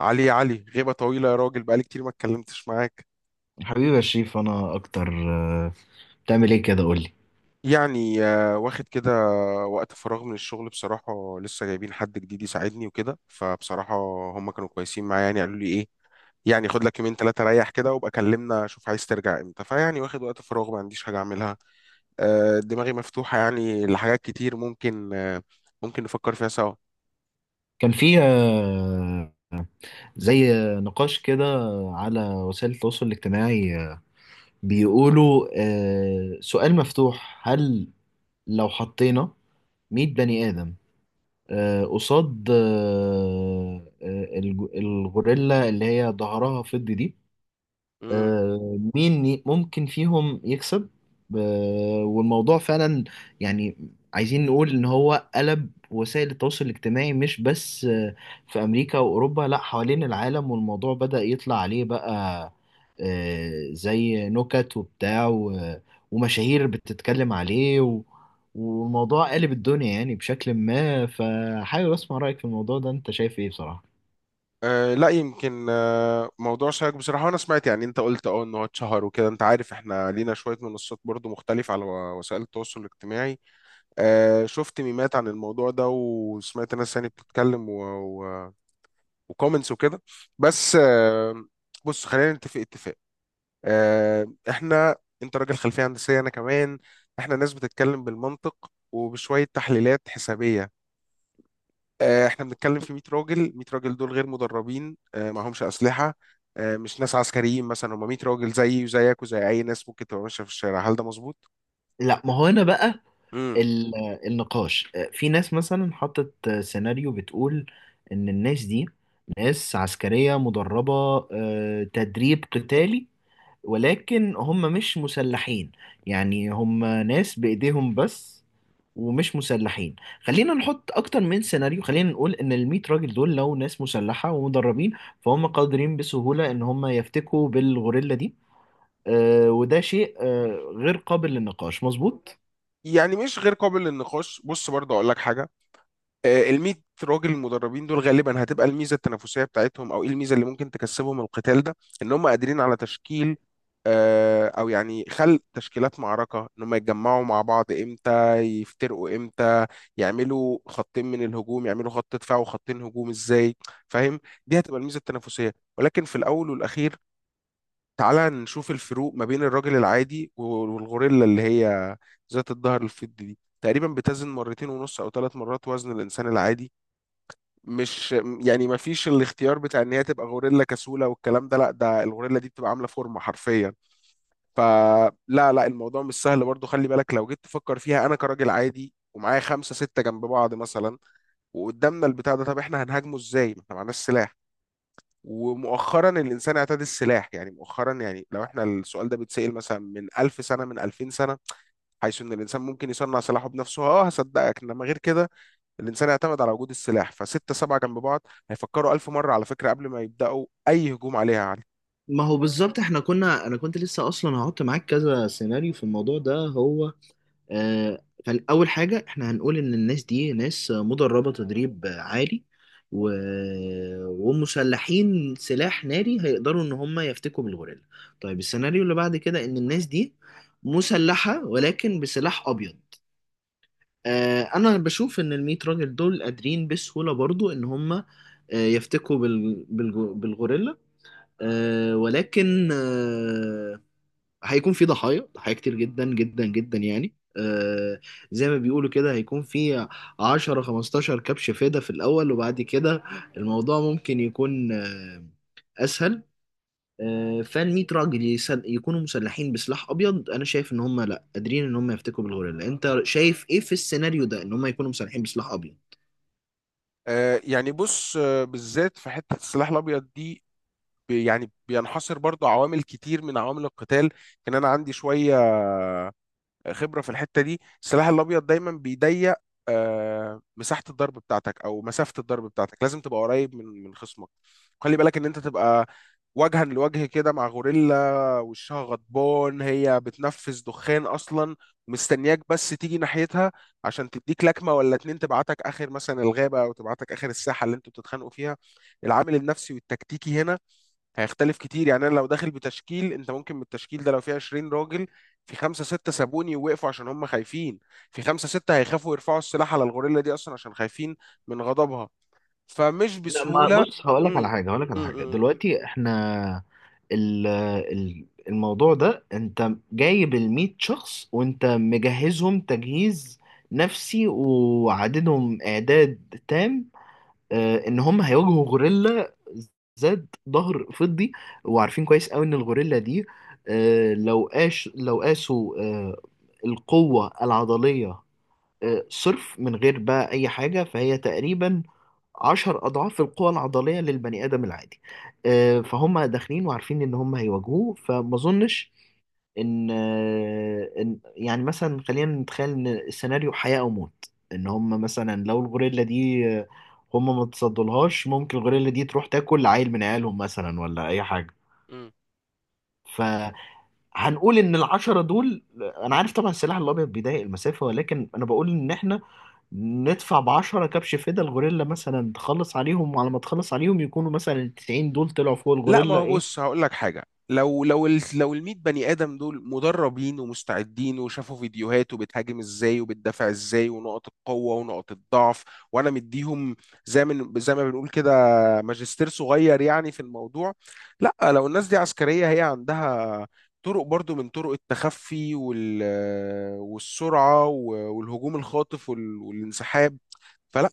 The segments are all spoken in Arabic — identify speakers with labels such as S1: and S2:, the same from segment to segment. S1: علي يا علي، غيبة طويلة يا راجل. بقالي كتير ما اتكلمتش معاك.
S2: حبيبي يا شريف، انا اكتر. بتعمل ايه كده؟ قولي.
S1: يعني واخد كده وقت فراغ من الشغل، بصراحة. لسه جايبين حد جديد يساعدني وكده، فبصراحة هم كانوا كويسين معايا. يعني قالوا لي ايه، يعني خد لك يومين ثلاثة ريح كده وابقى كلمنا شوف عايز ترجع امتى. فيعني واخد وقت فراغ ما عنديش حاجة اعملها. دماغي مفتوحة يعني لحاجات كتير، ممكن نفكر فيها سوا.
S2: كان في زي نقاش كده على وسائل التواصل الاجتماعي. بيقولوا سؤال مفتوح: هل لو حطينا 100 بني آدم قصاد الغوريلا اللي هي ظهرها فضي دي،
S1: مم.
S2: مين ممكن فيهم يكسب؟ والموضوع فعلا يعني عايزين نقول ان هو قلب وسائل التواصل الاجتماعي مش بس في امريكا واوروبا، لا، حوالين العالم. والموضوع بدأ يطلع عليه بقى زي نكت وبتاع ومشاهير بتتكلم عليه والموضوع قالب الدنيا يعني بشكل ما. فحابب اسمع رأيك في الموضوع ده. انت شايف ايه بصراحة؟
S1: أه، لا يمكن، موضوع شائك بصراحة. وأنا سمعت، يعني أنت قلت إن هو اتشهر وكده. أنت عارف إحنا لينا شوية منصات برضو مختلفة على وسائل التواصل الاجتماعي. أه شفت ميمات عن الموضوع ده، وسمعت ناس يعني بتتكلم و... وكومنتس وكده. بس بص، خلينا نتفق اتفاق. إحنا، أنت راجل خلفية هندسية، أنا كمان. إحنا ناس بتتكلم بالمنطق وبشوية تحليلات حسابية. احنا بنتكلم في 100 راجل، 100 راجل دول غير مدربين، معهمش اسلحه. مش ناس عسكريين مثلا، هم 100 راجل زيي وزيك وزي اي ناس ممكن تبقى ماشيه في الشارع. هل ده مظبوط؟
S2: لا، ما هو هنا بقى
S1: امم
S2: ال- النقاش. في ناس مثلا حطت سيناريو بتقول ان الناس دي ناس عسكرية مدربة تدريب قتالي، ولكن هم مش مسلحين. يعني هم ناس بإيديهم بس، ومش مسلحين. خلينا نحط اكتر من سيناريو. خلينا نقول ان الميت راجل دول لو ناس مسلحة ومدربين، فهم قادرين بسهولة ان هم يفتكوا بالغوريلا دي. وده شيء غير قابل للنقاش، مظبوط؟
S1: يعني مش غير قابل للنقاش. بص برضه اقول لك حاجه. ال 100 راجل المدربين دول غالبا هتبقى الميزه التنافسيه بتاعتهم، او ايه الميزه اللي ممكن تكسبهم القتال ده؟ ان هم قادرين على تشكيل، او يعني خلق تشكيلات معركه. ان هم يتجمعوا مع بعض امتى، يفترقوا امتى، يعملوا خطين من الهجوم، يعملوا خط دفاع وخطين هجوم ازاي. فاهم؟ دي هتبقى الميزه التنافسيه. ولكن في الاول والاخير، تعالى نشوف الفروق ما بين الراجل العادي والغوريلا اللي هي ذات الظهر الفضي دي. تقريبا بتزن مرتين ونص او ثلاث مرات وزن الانسان العادي. مش يعني ما فيش الاختيار بتاع ان هي تبقى غوريلا كسوله والكلام ده، لا، ده الغوريلا دي بتبقى عامله فورمه حرفيا. فلا لا لا، الموضوع مش سهل برضو. خلي بالك لو جيت تفكر فيها، انا كراجل عادي ومعايا خمسة ستة جنب بعض مثلا، وقدامنا البتاع ده، طب احنا هنهاجمه ازاي؟ ما احنا معناش سلاح. ومؤخرا الانسان اعتاد السلاح، يعني مؤخرا، يعني لو احنا السؤال ده بيتسأل مثلا من 1000 سنة، من 2000 سنة حيث ان الانسان ممكن يصنع سلاحه بنفسه، اه هصدقك. انما غير كده، الانسان اعتمد على وجود السلاح. فستة سبعة جنب بعض هيفكروا 1000 مرة على فكرة قبل ما يبدأوا اي هجوم عليها، يا علي.
S2: ما هو بالظبط. احنا كنا، انا كنت لسه اصلا هحط معاك كذا سيناريو في الموضوع ده. هو اول حاجه احنا هنقول ان الناس دي ناس مدربه تدريب عالي و... ومسلحين سلاح ناري، هيقدروا ان هم يفتكوا بالغوريلا. طيب، السيناريو اللي بعد كده ان الناس دي مسلحه ولكن بسلاح ابيض. انا بشوف ان الميت راجل دول قادرين بسهوله برضو ان هم يفتكوا بالغوريلا، ولكن هيكون في ضحايا ضحايا كتير جدا جدا جدا يعني. زي ما بيقولوا كده هيكون في 10 15 كبش فدا في الأول، وبعد كده الموضوع ممكن يكون أسهل. فال 100 راجل يكونوا مسلحين بسلاح أبيض، أنا شايف إن هم لأ، قادرين إن هم يفتكوا بالغوريلا. أنت شايف إيه في السيناريو ده، إن هم يكونوا مسلحين بسلاح أبيض؟
S1: آه يعني بص، بالذات في حتة السلاح الابيض دي، يعني بينحصر برضو عوامل كتير من عوامل القتال. ان انا عندي شوية خبره في الحته دي. السلاح الابيض دايما بيضيق مساحه الضرب بتاعتك او مسافه الضرب بتاعتك. لازم تبقى قريب من خصمك. خلي بالك ان انت تبقى وجها لوجه كده مع غوريلا وشها غضبان، هي بتنفس دخان اصلا، مستنياك بس تيجي ناحيتها عشان تديك لكمه ولا اتنين تبعتك اخر مثلا الغابه، او تبعتك اخر الساحه اللي انتوا بتتخانقوا فيها. العامل النفسي والتكتيكي هنا هيختلف كتير. يعني انا لو داخل بتشكيل، انت ممكن من التشكيل ده لو فيه 20 راجل، في خمسة ستة سابوني ووقفوا عشان هم خايفين، في خمسة ستة هيخافوا يرفعوا السلاح على الغوريلا دي اصلا عشان خايفين من غضبها. فمش
S2: لا، ما
S1: بسهولة.
S2: بص، هقول لك على
S1: امم،
S2: حاجه. هقول لك على
S1: امم،
S2: حاجه دلوقتي. احنا ال ال الموضوع ده انت جايب ال 100 شخص وانت مجهزهم تجهيز نفسي وعددهم اعداد تام، اه ان هم هيواجهوا غوريلا ذات ظهر فضي، وعارفين كويس قوي ان الغوريلا دي، اه لو قاسوا اه القوه العضليه صرف من غير بقى أي حاجة، فهي تقريبا عشر أضعاف القوة العضلية للبني آدم العادي. فهم داخلين وعارفين إن هم هيواجهوه، فما أظنش إن إن يعني، مثلا خلينا نتخيل إن السيناريو حياة أو موت. إن هم مثلا لو الغوريلا دي هم ما تصدلهاش، ممكن الغوريلا دي تروح تاكل عيل من عيالهم مثلا ولا أي حاجة.
S1: امم.
S2: ف هنقول ان العشرة دول، انا عارف طبعا السلاح الابيض بيضايق المسافة، ولكن انا بقول ان احنا ندفع بعشرة كبش فدا، الغوريلا مثلا تخلص عليهم، وعلى ما تخلص عليهم يكونوا مثلا التسعين دول طلعوا فوق
S1: لا، ما
S2: الغوريلا.
S1: هو
S2: ايه؟
S1: بص هقول لك حاجه. لو ال 100 بني ادم دول مدربين ومستعدين وشافوا فيديوهات وبتهاجم ازاي وبتدافع ازاي ونقط القوه ونقط الضعف، وانا مديهم زي ما بنقول كده ماجستير صغير يعني في الموضوع. لا، لو الناس دي عسكريه، هي عندها طرق برضو من طرق التخفي والسرعه والهجوم الخاطف والانسحاب. فلا.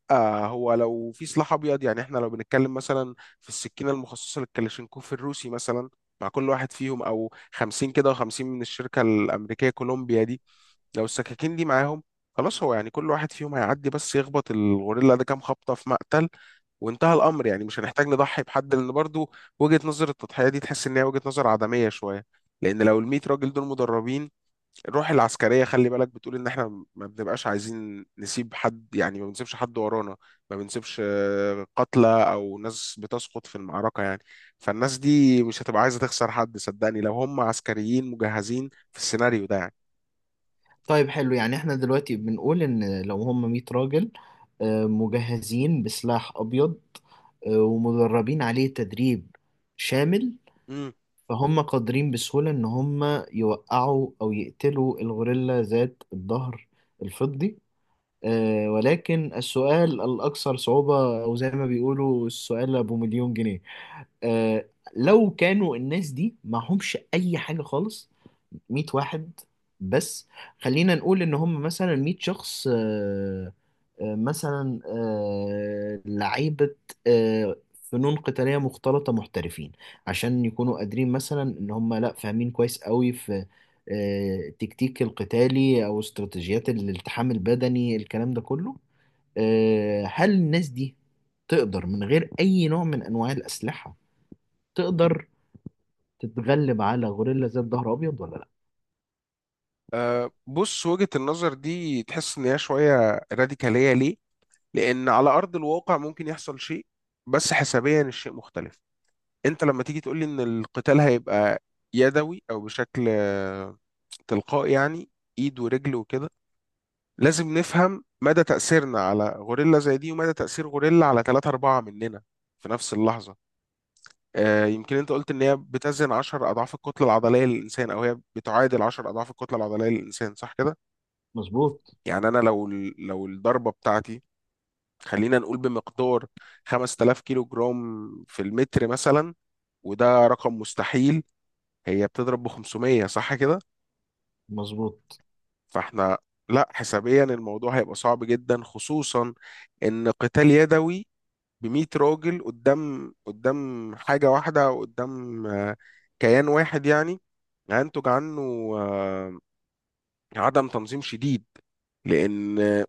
S1: هو لو في سلاح ابيض، يعني احنا لو بنتكلم مثلا في السكينه المخصصه للكلاشينكوف الروسي مثلا مع كل واحد فيهم، او 50 كده و50 من الشركه الامريكيه كولومبيا دي، لو السكاكين دي معاهم، خلاص. هو يعني كل واحد فيهم هيعدي بس يخبط الغوريلا ده كام خبطه في مقتل وانتهى الامر. يعني مش هنحتاج نضحي بحد، لان برضو وجهه نظر التضحيه دي تحس ان هي وجهه نظر عدميه شويه. لان لو ال 100 راجل دول مدربين، الروح العسكرية خلي بالك بتقول إن إحنا ما بنبقاش عايزين نسيب حد. يعني ما بنسيبش حد ورانا، ما بنسيبش قتلى أو ناس بتسقط في المعركة يعني. فالناس دي مش هتبقى عايزة تخسر حد، صدقني، لو هم عسكريين مجهزين في السيناريو ده يعني.
S2: طيب، حلو. يعني احنا دلوقتي بنقول ان لو هم 100 راجل مجهزين بسلاح ابيض ومدربين عليه تدريب شامل،
S1: مم.
S2: فهم قادرين بسهولة ان هم يوقعوا او يقتلوا الغوريلا ذات الظهر الفضي. ولكن السؤال الأكثر صعوبة، أو زي ما بيقولوا السؤال أبو مليون جنيه، آه، لو كانوا الناس دي معهمش أي حاجة خالص. 100 واحد بس. خلينا نقول ان هم مثلا 100 شخص، مثلا لعيبة آه، فنون قتالية مختلطة محترفين، عشان يكونوا قادرين مثلا، ان هم لا، فاهمين كويس قوي في التكتيك القتالي او استراتيجيات الالتحام البدني الكلام ده كله. هل الناس دي تقدر من غير اي نوع من انواع الاسلحة، تقدر تتغلب على غوريلا ذات ظهر ابيض ولا لا؟
S1: أه بص، وجهة النظر دي تحس إن هي شوية راديكالية. ليه؟ لأن على أرض الواقع ممكن يحصل شيء، بس حسابيا الشيء مختلف. أنت لما تيجي تقولي إن القتال هيبقى يدوي أو بشكل تلقائي يعني، ايد ورجل وكده، لازم نفهم مدى تأثيرنا على غوريلا زي دي، ومدى تأثير غوريلا على ثلاثة أربعة مننا في نفس اللحظة. آه يمكن أنت قلت إن هي بتزن 10 أضعاف الكتلة العضلية للإنسان، أو هي بتعادل 10 أضعاف الكتلة العضلية للإنسان، صح كده؟
S2: مظبوط.
S1: يعني أنا لو الضربة بتاعتي، خلينا نقول بمقدار 5000 كيلو جرام في المتر مثلا، وده رقم مستحيل، هي بتضرب ب 500، صح كده؟
S2: مظبوط.
S1: فاحنا، لا، حسابيا الموضوع هيبقى صعب جدا. خصوصا ان قتال يدوي ب 100 راجل قدام حاجة واحدة او قدام كيان واحد يعني، هينتج عنه آه، عدم تنظيم شديد. لان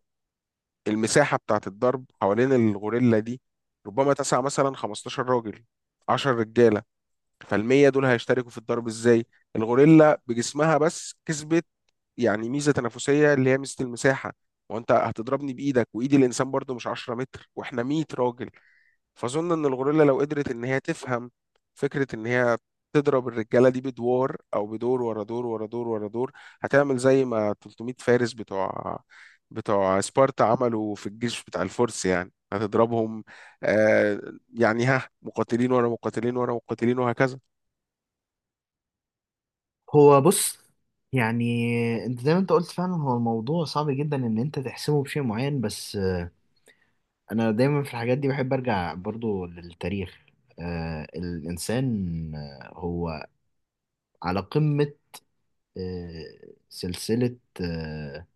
S1: المساحة بتاعت الضرب حوالين الغوريلا دي ربما تسع مثلا 15 راجل، 10 رجالة. فالمية دول هيشتركوا في الضرب ازاي؟ الغوريلا بجسمها بس كسبت يعني ميزة تنافسية، اللي هي ميزة المساحة. وانت هتضربني بايدك، وايد الانسان برضو مش 10 متر، واحنا 100 راجل. فاظن ان الغوريلا لو قدرت ان هي تفهم فكرة ان هي تضرب الرجالة دي بدوار، او بدور ورا دور ورا دور ورا دور، هتعمل زي ما 300 فارس بتوع سبارتا عملوا في الجيش بتاع الفرس. يعني هتضربهم، آه يعني ها، مقاتلين ورا مقاتلين ورا مقاتلين وهكذا.
S2: هو بص، يعني انت زي ما انت قلت فعلا، هو الموضوع صعب جدا ان انت تحسمه بشيء معين، بس انا دايما في الحاجات دي بحب ارجع برضو للتاريخ. الانسان هو على قمة سلسلة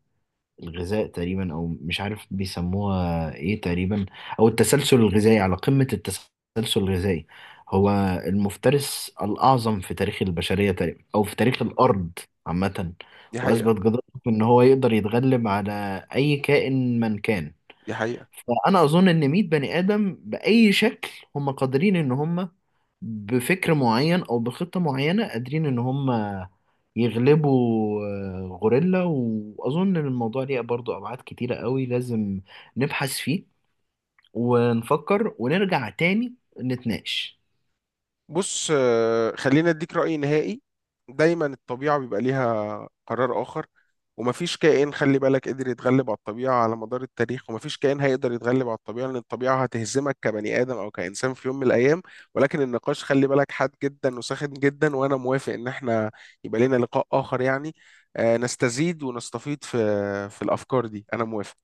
S2: الغذاء تقريبا، او مش عارف بيسموها ايه تقريبا، او التسلسل الغذائي، على قمة التسلسل الغذائي. هو المفترس الاعظم في تاريخ البشرية تقريبا، او في تاريخ الارض عامة،
S1: دي حقيقة.
S2: واثبت جدارته ان هو يقدر يتغلب على اي كائن من كان.
S1: دي حقيقة.
S2: فانا اظن ان 100 بني ادم باي شكل هم قادرين، ان هم بفكر معين او بخطه معينه قادرين ان هم يغلبوا غوريلا. واظن ان الموضوع ليه برضو ابعاد كتيره قوي، لازم نبحث فيه ونفكر ونرجع تاني نتناقش.
S1: بص، خلينا اديك رأي نهائي. دايما الطبيعة بيبقى ليها قرار آخر، ومفيش كائن خلي بالك قدر يتغلب على الطبيعة على مدار التاريخ، ومفيش كائن هيقدر يتغلب على الطبيعة، لأن الطبيعة هتهزمك كبني آدم أو كإنسان في يوم من الأيام. ولكن النقاش خلي بالك حاد جدا وساخن جدا، وأنا موافق إن احنا يبقى لنا لقاء آخر يعني نستزيد ونستفيد في الأفكار دي. أنا موافق.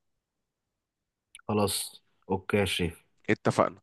S2: خلاص، اوكي يا شريف.
S1: اتفقنا.